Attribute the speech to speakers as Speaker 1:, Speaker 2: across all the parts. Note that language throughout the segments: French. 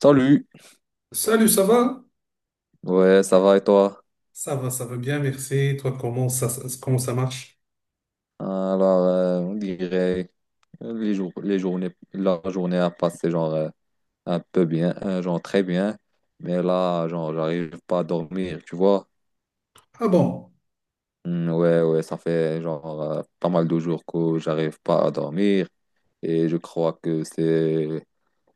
Speaker 1: Salut,
Speaker 2: Salut, ça va?
Speaker 1: ouais, ça va et toi?
Speaker 2: Ça va, ça va bien, merci. Toi, comment ça, comment ça marche?
Speaker 1: Alors, on dirait les jours, les journées, la journée a passé genre un peu bien, genre très bien, mais là, genre, j'arrive pas à dormir, tu vois?
Speaker 2: Ah bon?
Speaker 1: Hmm, ouais, ouais, ça fait genre pas mal de jours que j'arrive pas à dormir et je crois que c'est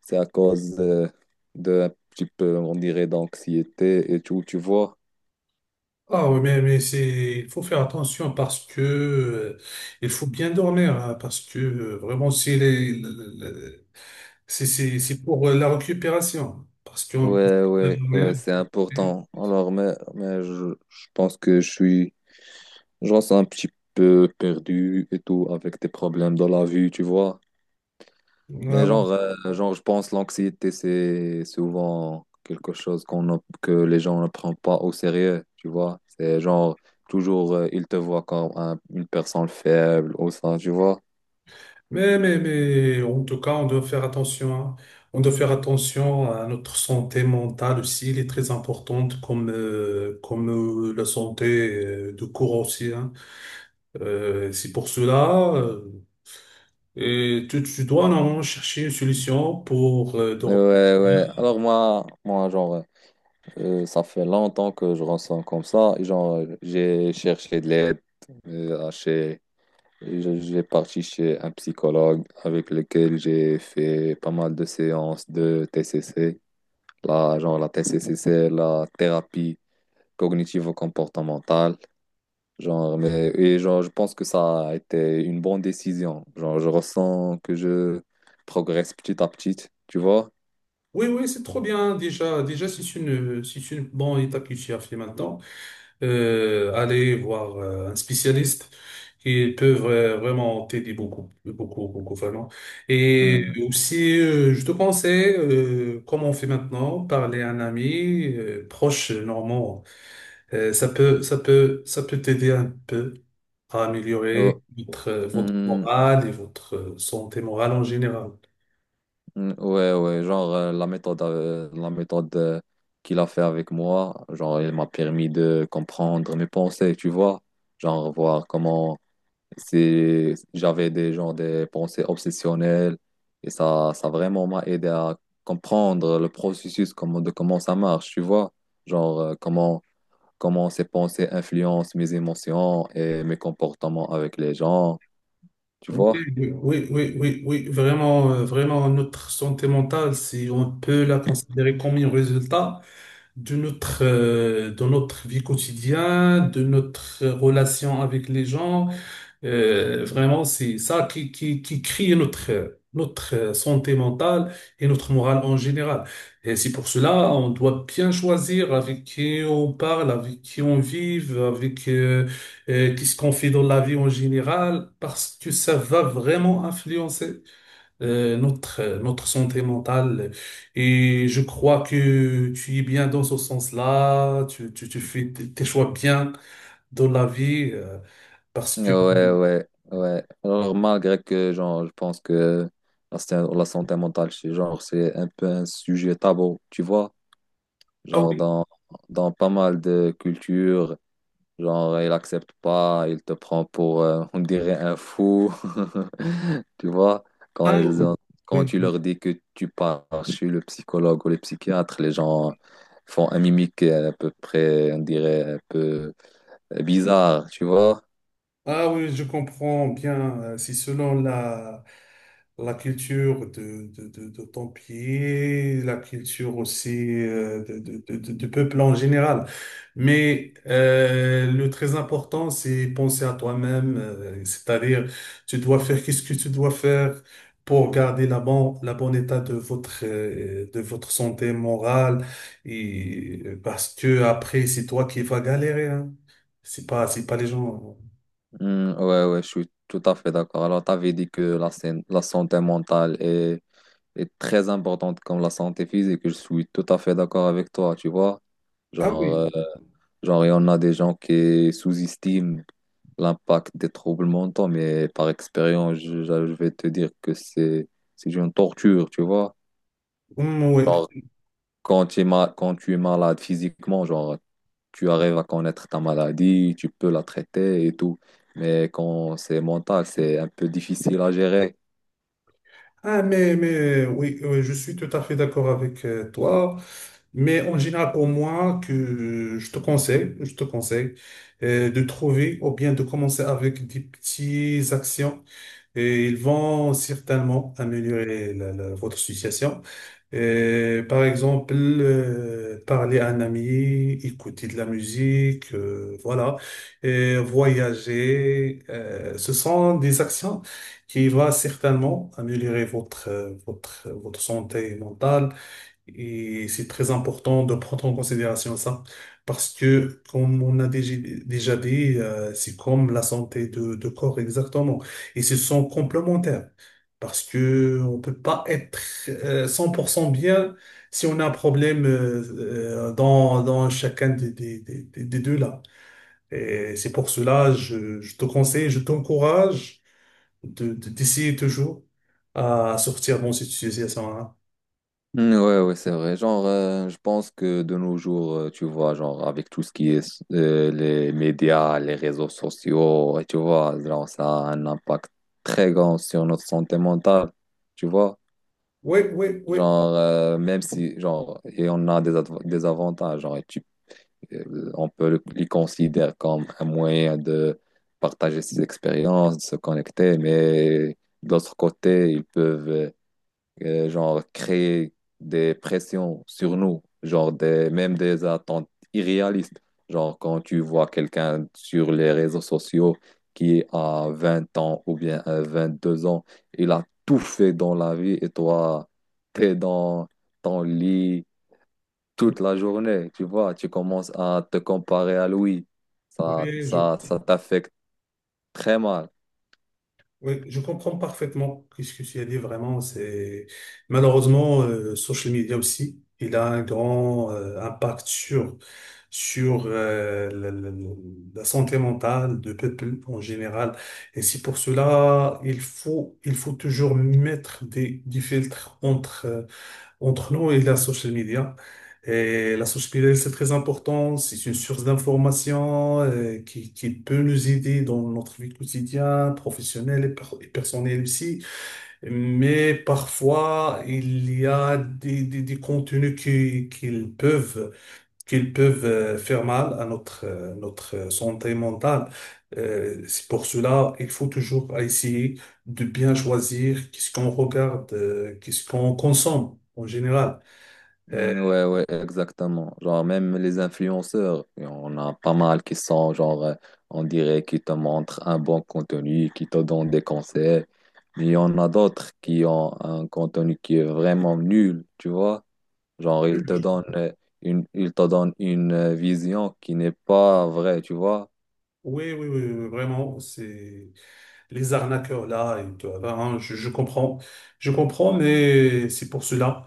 Speaker 1: c'est à cause de un petit peu, on dirait, d'anxiété et tout, tu vois?
Speaker 2: Ah oui, mais c'est, il faut faire attention parce que il faut bien dormir, hein, parce que vraiment, c'est les- le- c'est pour la récupération. Parce qu'on.
Speaker 1: Ouais, ouais, ouais, c'est important. Alors, mais je pense que je suis. Genre, c'est un petit peu perdu et tout, avec des problèmes dans la vie, tu vois. Mais
Speaker 2: Ah,
Speaker 1: genre, genre je pense l'anxiété, c'est souvent quelque chose qu'on, n'a- que les gens ne prennent pas au sérieux, tu vois. C'est genre, toujours, ils te voient comme une personne faible ou ça, tu vois.
Speaker 2: Mais, en tout cas, on doit faire attention, hein. On doit faire attention à notre santé mentale aussi. Elle est très importante, comme, comme la santé de corps aussi, hein. C'est pour cela, et tu dois normalement chercher une solution pour
Speaker 1: Ouais,
Speaker 2: dormir.
Speaker 1: ouais. Alors moi, moi genre, ça fait longtemps que je ressens comme ça. Et genre, j'ai cherché de l'aide à chez. J'ai parti chez un psychologue avec lequel j'ai fait pas mal de séances de TCC, la, genre la TCC, c'est la thérapie cognitivo-comportementale, genre, mais, et genre, je pense que ça a été une bonne décision. Genre, je ressens que je progresse petit à petit, tu vois?
Speaker 2: Oui, oui, c'est trop bien. Déjà, si c'est une, si c'est une bonne étape que tu as fait maintenant. Aller voir un spécialiste. Ils peuvent vraiment t'aider beaucoup, beaucoup, beaucoup, vraiment. Et
Speaker 1: Hmm.
Speaker 2: aussi, je te conseille, comme on fait maintenant, parler à un ami proche normand. Ça peut t'aider un peu à améliorer
Speaker 1: Oh,
Speaker 2: votre, votre
Speaker 1: hmm.
Speaker 2: morale et votre santé morale en général.
Speaker 1: Ouais, ouais, genre la méthode qu'il a fait avec moi, genre il m'a permis de comprendre mes pensées, tu vois, genre voir comment c'est, j'avais des genre des pensées obsessionnelles et ça vraiment m'a aidé à comprendre le processus comment, de comment ça marche, tu vois, genre comment comment ces pensées influencent mes émotions et mes comportements avec les gens, tu
Speaker 2: Oui,
Speaker 1: vois.
Speaker 2: oui, vraiment, vraiment, notre santé mentale, si on peut la considérer comme un résultat, de notre vie quotidienne, de notre relation avec les gens. Vraiment, c'est ça qui crée notre, notre santé mentale et notre morale en général. Et c'est pour cela, on doit bien choisir avec qui on parle, avec qui on vit, avec qu'est-ce qu'on fait dans la vie en général, parce que ça va vraiment influencer notre, notre santé mentale. Et je crois que tu es bien dans ce sens-là, tu fais tes choix bien dans la vie, parce que...
Speaker 1: Ouais, ouais, ouais. Alors, malgré que, genre, je pense que la santé mentale, c'est genre, c'est un peu un sujet tabou, tu vois?
Speaker 2: Ah
Speaker 1: Genre,
Speaker 2: oui,
Speaker 1: dans, dans pas mal de cultures, genre, il accepte pas, il te prend pour, on dirait, un fou, tu vois? Quand
Speaker 2: ah
Speaker 1: ils ont, quand
Speaker 2: oui,
Speaker 1: tu
Speaker 2: oui,
Speaker 1: leur dis que tu pars chez le psychologue ou le psychiatre, les gens font un mimique à peu près, on dirait, un peu bizarre, tu vois?
Speaker 2: Ah oui, je comprends bien. C'est selon la, la culture de ton pays, la culture aussi de, du peuple en général. Mais le très important, c'est penser à toi-même, c'est-à-dire tu dois faire qu'est-ce que tu dois faire pour garder la bon, la bonne état de votre santé morale et parce que après c'est toi qui vas galérer, hein. C'est pas les gens.
Speaker 1: Hmm, ouais, ouais, je suis tout à fait d'accord. Alors, tu avais dit que la santé mentale est très importante comme la santé physique. Je suis tout à fait d'accord avec toi, tu vois.
Speaker 2: Ah
Speaker 1: Genre,
Speaker 2: oui,
Speaker 1: genre, il y en a des gens qui sous-estiment l'impact des troubles mentaux, mais par expérience, je vais te dire que c'est une torture, tu vois.
Speaker 2: oui.
Speaker 1: Genre, quand tu es malade physiquement, genre, tu arrives à connaître ta maladie, tu peux la traiter et tout. Mais quand c'est mental, c'est un peu difficile à gérer.
Speaker 2: Ah, mais oui, oui, je suis tout à fait d'accord avec toi. Mais en général, pour moi, que je te conseille de trouver ou bien de commencer avec des petites actions et ils vont certainement améliorer votre situation. Et par exemple, parler à un ami, écouter de la musique, voilà, et voyager, ce sont des actions qui vont certainement améliorer votre, votre santé mentale et c'est très important de prendre en considération ça, parce que, comme on a déjà dit, c'est comme la santé de corps exactement. Et ce sont complémentaires, parce que on peut pas être 100% bien si on a un problème dans, dans chacun des deux là. Et c'est pour cela, je te conseille, je t'encourage de, d'essayer toujours à sortir de cette situation-là.
Speaker 1: Ouais, ouais, c'est vrai. Genre, je pense que de nos jours, tu vois, genre, avec tout ce qui est les médias, les réseaux sociaux, et tu vois, genre, ça a un impact très grand sur notre santé mentale, tu vois.
Speaker 2: Oui, oui, oui.
Speaker 1: Genre, même si, genre, et on a des avantages, genre, on peut les considérer comme un moyen de partager ses expériences, de se connecter, mais d'autre côté, ils peuvent genre créer des pressions sur nous, genre des, même des attentes irréalistes. Genre quand tu vois quelqu'un sur les réseaux sociaux qui a 20 ans ou bien 22 ans, il a tout fait dans la vie et toi, t'es dans ton lit toute la journée, tu vois, tu commences à te comparer à lui. Ça,
Speaker 2: Oui, je,
Speaker 1: ça, ça t'affecte très mal.
Speaker 2: oui, je comprends parfaitement ce que tu as dit vraiment. C'est malheureusement social media aussi, il a un grand impact sur la, la santé mentale du peuple en général. Et c'est pour cela il faut toujours mettre des filtres entre entre nous et la social media. Et la social media, c'est très important. C'est une source d'information qui peut nous aider dans notre vie quotidienne, professionnelle et et personnelle aussi. Mais parfois, il y a des, des contenus qui, qu'ils peuvent faire mal à notre, notre santé mentale. C'est pour cela, il faut toujours essayer de bien choisir qu'est-ce qu'on regarde, qu'est-ce qu'on consomme en général. Euh,
Speaker 1: Ouais, ouais, exactement. Genre, même les influenceurs, il y a pas mal qui sont, genre, on dirait qu'ils te montrent un bon contenu, qui te donnent des conseils. Mais il y en a d'autres qui ont un contenu qui est vraiment nul, tu vois. Genre, ils te
Speaker 2: oui,
Speaker 1: donnent ils te donnent une vision qui n'est pas vraie, tu vois.
Speaker 2: oui, vraiment, c'est les arnaqueurs là, et tout, hein, je comprends, mais c'est pour cela.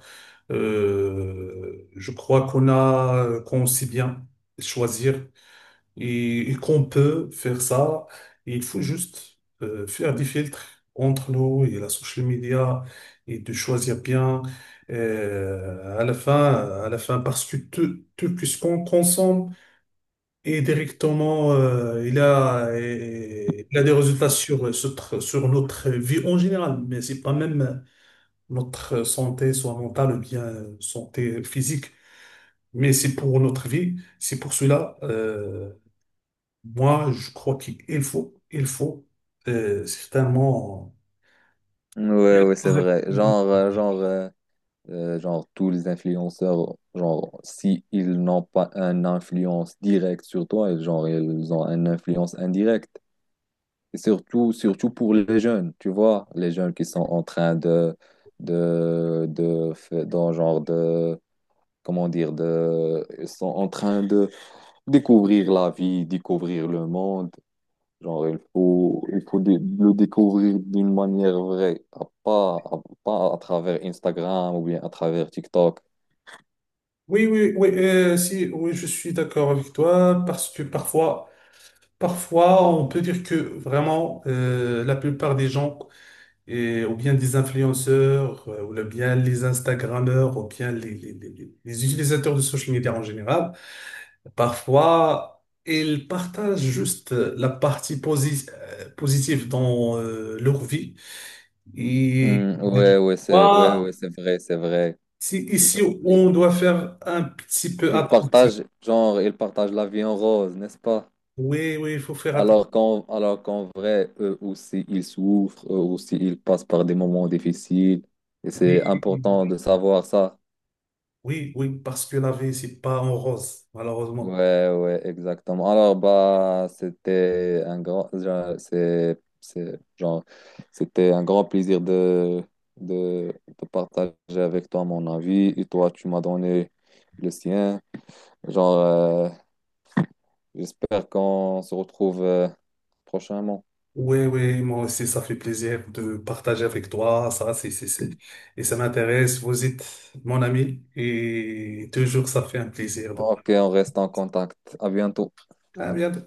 Speaker 2: Je crois qu'on a, qu'on sait bien choisir et qu'on peut faire ça. Et il faut juste faire des filtres entre nous et la social media et de choisir bien euh, à la fin, à la fin, parce que tout, tout ce qu'on consomme Et directement, il a des résultats sur notre vie en général, mais c'est pas même notre santé, soit mentale ou bien santé physique, mais c'est pour notre vie. C'est pour cela, moi, je crois qu'il faut certainement.
Speaker 1: Ouais, ouais, c'est vrai. Genre, tous les influenceurs, genre, si ils n'ont pas une influence directe sur toi, genre, ils ont une influence indirecte. Et surtout, surtout pour les jeunes, tu vois, les jeunes qui sont en train dans comment dire, de, ils sont en train de découvrir la vie, découvrir le monde. Genre, le découvrir d'une manière vraie, pas, pas à travers Instagram ou bien à travers TikTok.
Speaker 2: Oui, oui, oui, si, oui, je suis d'accord avec toi parce que parfois, on peut dire que vraiment, la plupart des gens et, ou bien des influenceurs, ou bien les Instagrammeurs, ou bien les, les utilisateurs de social media en général, parfois, ils partagent juste la partie positive dans leur vie. Et
Speaker 1: Hmm, ouais,
Speaker 2: moi,
Speaker 1: ouais, c'est vrai, c'est vrai.
Speaker 2: c'est
Speaker 1: Ils,
Speaker 2: ici où
Speaker 1: ils-
Speaker 2: on doit faire un petit peu
Speaker 1: ils
Speaker 2: attention.
Speaker 1: partagent, genre, ils partagent la vie en rose, n'est-ce pas?
Speaker 2: Oui, oui, il faut faire attention.
Speaker 1: Alors qu'en vrai, eux aussi, ils souffrent, eux aussi, ils passent par des moments difficiles. Et c'est
Speaker 2: Oui,
Speaker 1: important de savoir ça.
Speaker 2: oui, oui, parce que la vie, c'est pas en rose, malheureusement.
Speaker 1: Ouais, ouais, exactement. Alors, bah, c'était un grand, c'était un grand plaisir de partager avec toi mon avis. Et toi, tu m'as donné le sien. Genre, j'espère qu'on se retrouve prochainement.
Speaker 2: Oui, oui, moi aussi, ça fait plaisir de partager avec toi. Ça, c'est, et ça m'intéresse. Vous êtes mon ami et toujours, ça fait un plaisir. De...
Speaker 1: Ok, on reste en contact. À bientôt.
Speaker 2: À bientôt.